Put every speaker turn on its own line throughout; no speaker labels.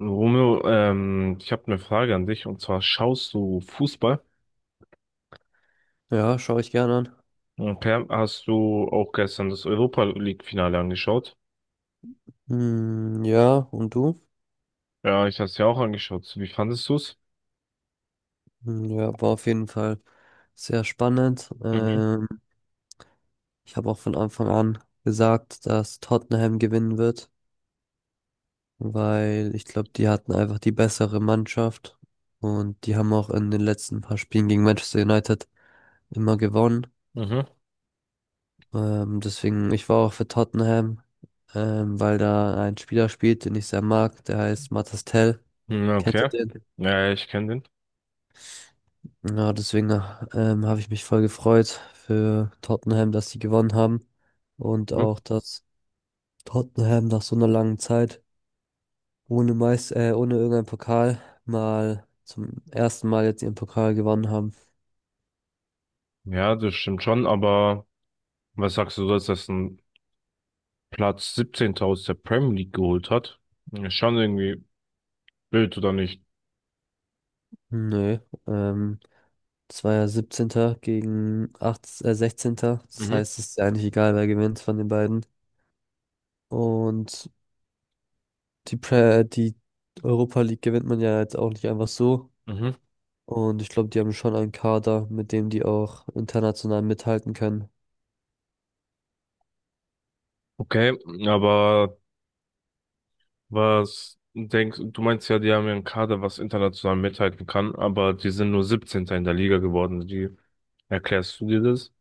Romeo, ich habe eine Frage an dich und zwar schaust du Fußball?
Ja, schaue ich gerne an.
Okay, hast du auch gestern das Europa League-Finale angeschaut?
Hm, ja, und du?
Ja, ich habe es ja auch angeschaut. Wie fandest du's?
Hm, ja, war auf jeden Fall sehr spannend.
Mhm.
Ich habe auch von Anfang an gesagt, dass Tottenham gewinnen wird, weil ich glaube, die hatten einfach die bessere Mannschaft und die haben auch in den letzten paar Spielen gegen Manchester United immer gewonnen.
Mhm.
Deswegen, ich war auch für Tottenham, weil da ein Spieler spielt, den ich sehr mag, der heißt Matas Tell.
Hm,
Kennst du
okay.
den?
Ja, ich kenne den.
Ja, deswegen habe ich mich voll gefreut für Tottenham, dass sie gewonnen haben. Und
Mhm.
auch, dass Tottenham nach so einer langen Zeit ohne Meist ohne irgendeinen Pokal mal zum ersten Mal jetzt ihren Pokal gewonnen haben.
Ja, das stimmt schon, aber was sagst du, dass das ein Platz 17. aus der Premier League geholt hat? Ist schon irgendwie blöd, oder nicht?
Nö, ähm, das war ja 17. gegen 8 sechzehnter. Das
Mhm.
heißt, es ist ja eigentlich egal, wer gewinnt von den beiden. Und die Europa League gewinnt man ja jetzt auch nicht einfach so.
Mhm.
Und ich glaube, die haben schon einen Kader, mit dem die auch international mithalten können.
Okay, aber was denkst du, meinst ja, die haben ja einen Kader, was international mithalten kann, aber die sind nur siebzehnter in der Liga geworden. Wie erklärst du dir das?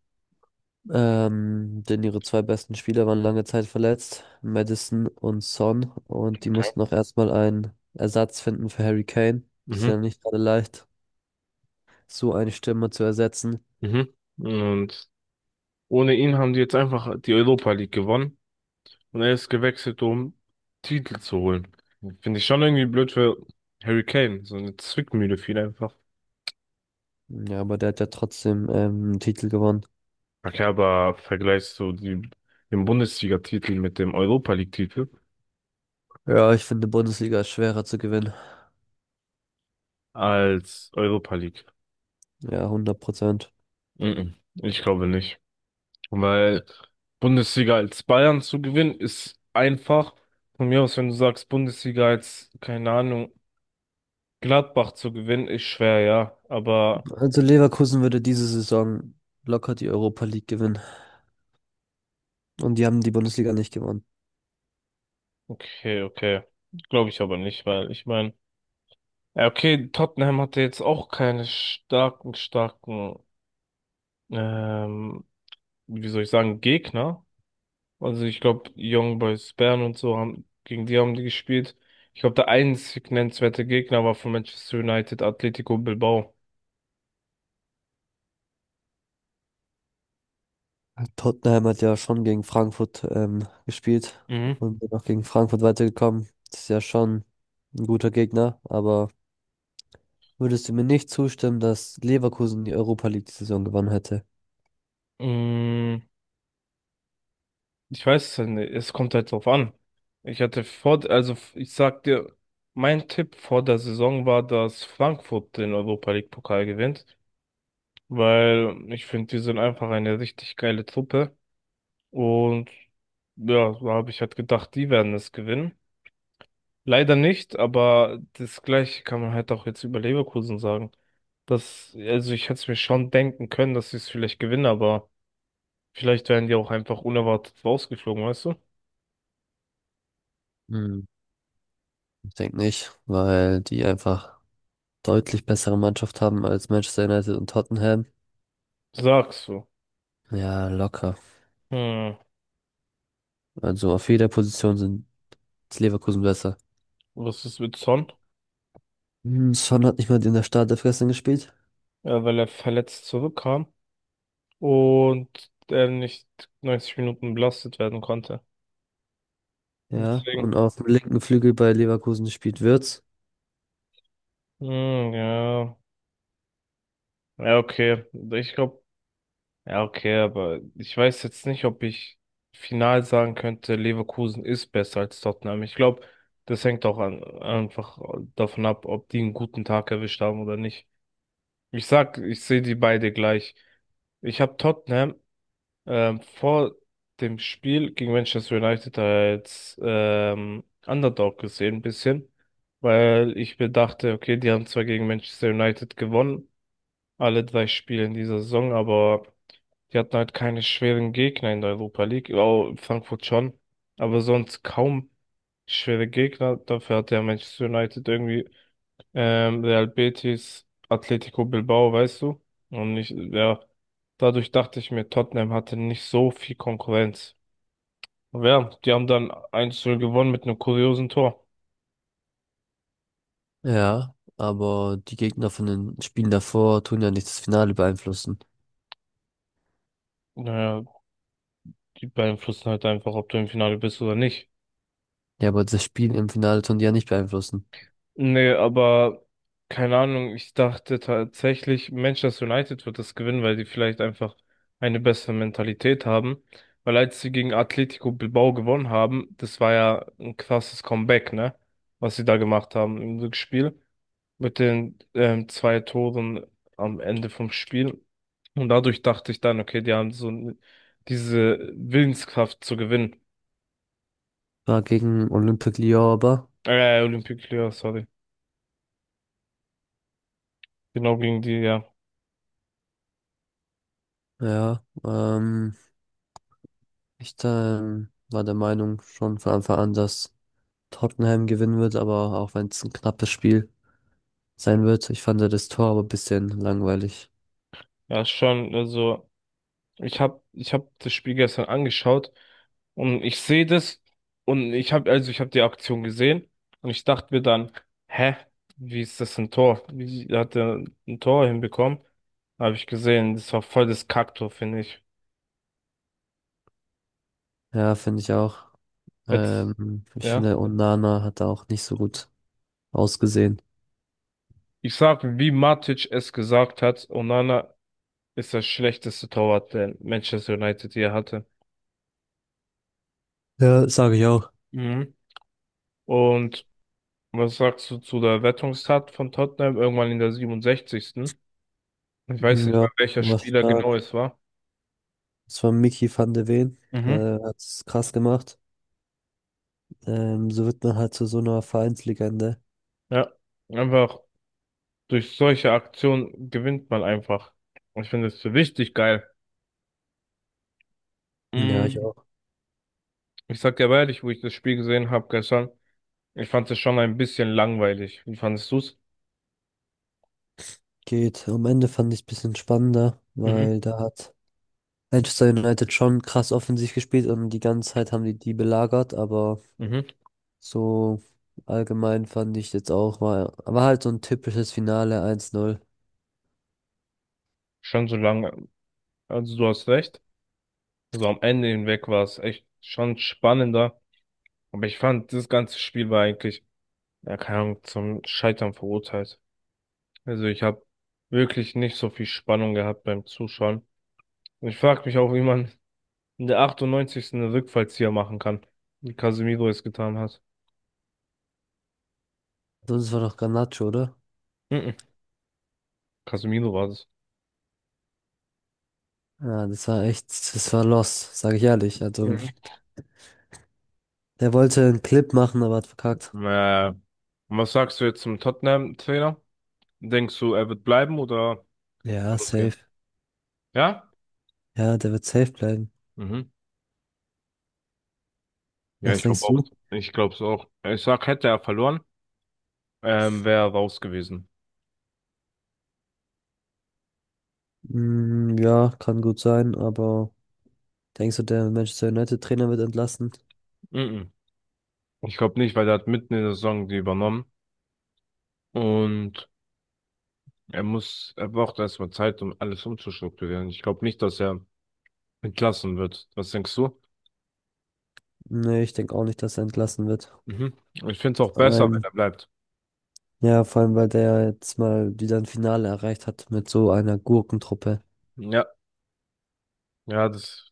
Denn ihre zwei besten Spieler waren lange Zeit verletzt, Madison und Son. Und die
Okay.
mussten auch erstmal einen Ersatz finden für Harry Kane. Ist
Mhm.
ja nicht gerade leicht, so eine Stimme zu ersetzen.
Mhm. Und ohne ihn haben die jetzt einfach die Europa League gewonnen und er ist gewechselt, um Titel zu holen. Finde ich schon irgendwie blöd für Harry Kane. So eine Zwickmühle viel einfach.
Ja, aber der hat ja trotzdem einen Titel gewonnen.
Okay, aber vergleichst du die, den Bundesliga-Titel mit dem Europa League-Titel
Ja, ich finde, Bundesliga ist schwerer zu gewinnen.
als Europa League?
Ja, hundert Prozent.
Mhm. Ich glaube nicht. Weil Bundesliga als Bayern zu gewinnen ist einfach. Von mir aus, wenn du sagst, Bundesliga als, keine Ahnung, Gladbach zu gewinnen, ist schwer, ja. Aber
Also Leverkusen würde diese Saison locker die Europa League gewinnen. Und die haben die Bundesliga nicht gewonnen.
okay, okay. Glaube ich aber nicht, weil ich meine, ja, okay, Tottenham hatte jetzt auch keine starken, starken, ähm, wie soll ich sagen, Gegner. Also ich glaube, Young Boys Bern und so haben, gegen die haben die gespielt. Ich glaube, der einzig nennenswerte Gegner war von Manchester United, Atletico Bilbao.
Tottenham hat ja schon gegen Frankfurt gespielt
Mhm.
und bin auch gegen Frankfurt weitergekommen. Das ist ja schon ein guter Gegner, aber würdest du mir nicht zustimmen, dass Leverkusen die Europa League die Saison gewonnen hätte?
Mm, ich weiß es ja nicht. Es kommt halt drauf an. Ich hatte vor, also ich sag dir, mein Tipp vor der Saison war, dass Frankfurt den Europa League Pokal gewinnt, weil ich finde, die sind einfach eine richtig geile Truppe und ja, so habe ich halt gedacht, die werden es gewinnen. Leider nicht, aber das Gleiche kann man halt auch jetzt über Leverkusen sagen. Das, also ich hätte es mir schon denken können, dass sie es vielleicht gewinnen, aber vielleicht werden die auch einfach unerwartet rausgeflogen, weißt du?
Hm, Ich denke nicht, weil die einfach deutlich bessere Mannschaft haben als Manchester United und Tottenham.
Sagst du.
Ja, locker.
Hm,
Also auf jeder Position sind ist Leverkusen besser.
was ist mit Son?
Son hat nicht mal in der Startelf gestern gespielt.
Ja, weil er verletzt zurückkam und er nicht 90 Minuten belastet werden konnte.
Ja,
Deswegen.
und auf dem linken Flügel bei Leverkusen spielt Wirtz.
Hm, ja. Ja, okay. Ich glaube, ja, okay, aber ich weiß jetzt nicht, ob ich final sagen könnte, Leverkusen ist besser als Tottenham. Ich glaube, das hängt auch an, einfach davon ab, ob die einen guten Tag erwischt haben oder nicht. Ich sehe die beide gleich. Ich habe Tottenham vor dem Spiel gegen Manchester United als Underdog gesehen, ein bisschen, weil ich mir dachte, okay, die haben zwar gegen Manchester United gewonnen, alle drei Spiele in dieser Saison, aber die hatten halt keine schweren Gegner in der Europa League, oh, Frankfurt schon, aber sonst kaum schwere Gegner. Dafür hat ja Manchester United irgendwie Real Betis, Atletico Bilbao, weißt du? Und ich, ja, dadurch dachte ich mir, Tottenham hatte nicht so viel Konkurrenz. Aber ja, die haben dann 1:0 gewonnen mit einem kuriosen Tor.
Ja, aber die Gegner von den Spielen davor tun ja nicht das Finale beeinflussen.
Naja, die beeinflussen halt einfach, ob du im Finale bist oder nicht.
Ja, aber das Spiel im Finale tun die ja nicht beeinflussen.
Nee, aber keine Ahnung, ich dachte tatsächlich, Manchester United wird das gewinnen, weil die vielleicht einfach eine bessere Mentalität haben. Weil als sie gegen Atletico Bilbao gewonnen haben, das war ja ein krasses Comeback, ne? Was sie da gemacht haben im Rückspiel mit den zwei Toren am Ende vom Spiel. Und dadurch dachte ich dann, okay, die haben so diese Willenskraft zu gewinnen.
War gegen Olympique Lyon aber.
Olympique Lyon, sorry. Genau gegen die, ja.
Ja, ich war der Meinung schon von Anfang an, dass Tottenham gewinnen wird, aber auch wenn es ein knappes Spiel sein wird. Ich fand ja das Tor aber ein bisschen langweilig.
Ja, schon, also. Ich hab das Spiel gestern angeschaut und ich sehe das und ich habe die Aktion gesehen und ich dachte mir dann, hä, wie ist das ein Tor? Wie hat er ein Tor hinbekommen? Habe ich gesehen, das war voll das Kacktor, finde ich.
Ja, finde ich auch.
Jetzt,
Ich
ja.
finde, Onana hat da auch nicht so gut ausgesehen.
Ich sag, wie Matic es gesagt hat, Onana ist das schlechteste Torwart, den Manchester United je hatte.
Ja, sage ich auch.
Mhm. Und was sagst du zu der Rettungstat von Tottenham irgendwann in der 67.? Ich weiß nicht
Ja,
mal, welcher
was
Spieler
da
genau es war.
das war Mickey van de Ven.
Mhm.
Der hat es krass gemacht. So wird man halt zu so einer Vereinslegende.
Ja. Einfach durch solche Aktionen gewinnt man einfach. Ich finde es richtig geil.
Ja, ich
Mm,
auch.
ich sag dir aber ehrlich, wo ich das Spiel gesehen habe gestern, ich fand es schon ein bisschen langweilig. Wie fandest du's?
Geht. Am Ende fand ich es ein bisschen spannender,
Mhm.
weil da hat Manchester United schon krass offensiv gespielt und die ganze Zeit haben die die belagert, aber
Mhm.
so allgemein fand ich jetzt auch, war halt so ein typisches Finale 1-0.
Schon so lange. Also du hast recht. Also am Ende hinweg war es echt schon spannender. Aber ich fand, das ganze Spiel war eigentlich, ja, keine Ahnung, zum Scheitern verurteilt. Also ich habe wirklich nicht so viel Spannung gehabt beim Zuschauen. Ich frage mich auch, wie man in der 98. einen Rückfallzieher machen kann, wie Casemiro es getan hat.
Sonst war doch Garnacho, oder?
Mhm. Casemiro war das.
Ja, das war echt, das war los, sage ich ehrlich. Also,
Mhm.
der wollte einen Clip machen, aber hat verkackt.
Äh, und was sagst du jetzt zum Tottenham-Trainer? Denkst du, er wird bleiben oder
Ja,
kann es
safe.
gehen? Ja?
Ja, der wird safe bleiben.
Mhm. Ja,
Was
ich glaube
denkst
auch.
du?
Ich glaube es auch. Ich sag, hätte er verloren, wäre er raus gewesen.
Mm, ja, kann gut sein, aber denkst du, der Manchester United Trainer wird entlassen?
Mhm. Ich glaube nicht, weil er hat mitten in der Saison die übernommen und er braucht erstmal Zeit, um alles umzustrukturieren. Ich glaube nicht, dass er entlassen wird. Was denkst du?
Nee, ich denke auch nicht, dass er entlassen wird.
Mhm. Ich finde es auch
Vor
besser, wenn
allem,
er bleibt.
ja, vor allem, weil der jetzt mal wieder ein Finale erreicht hat mit so einer Gurkentruppe.
Ja, ja, das.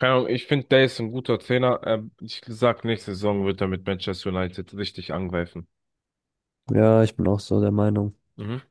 Keine Ahnung, ich finde, der ist ein guter Trainer. Ich sag, nächste Saison wird er mit Manchester United richtig angreifen.
Ja, ich bin auch so der Meinung.
Mhm.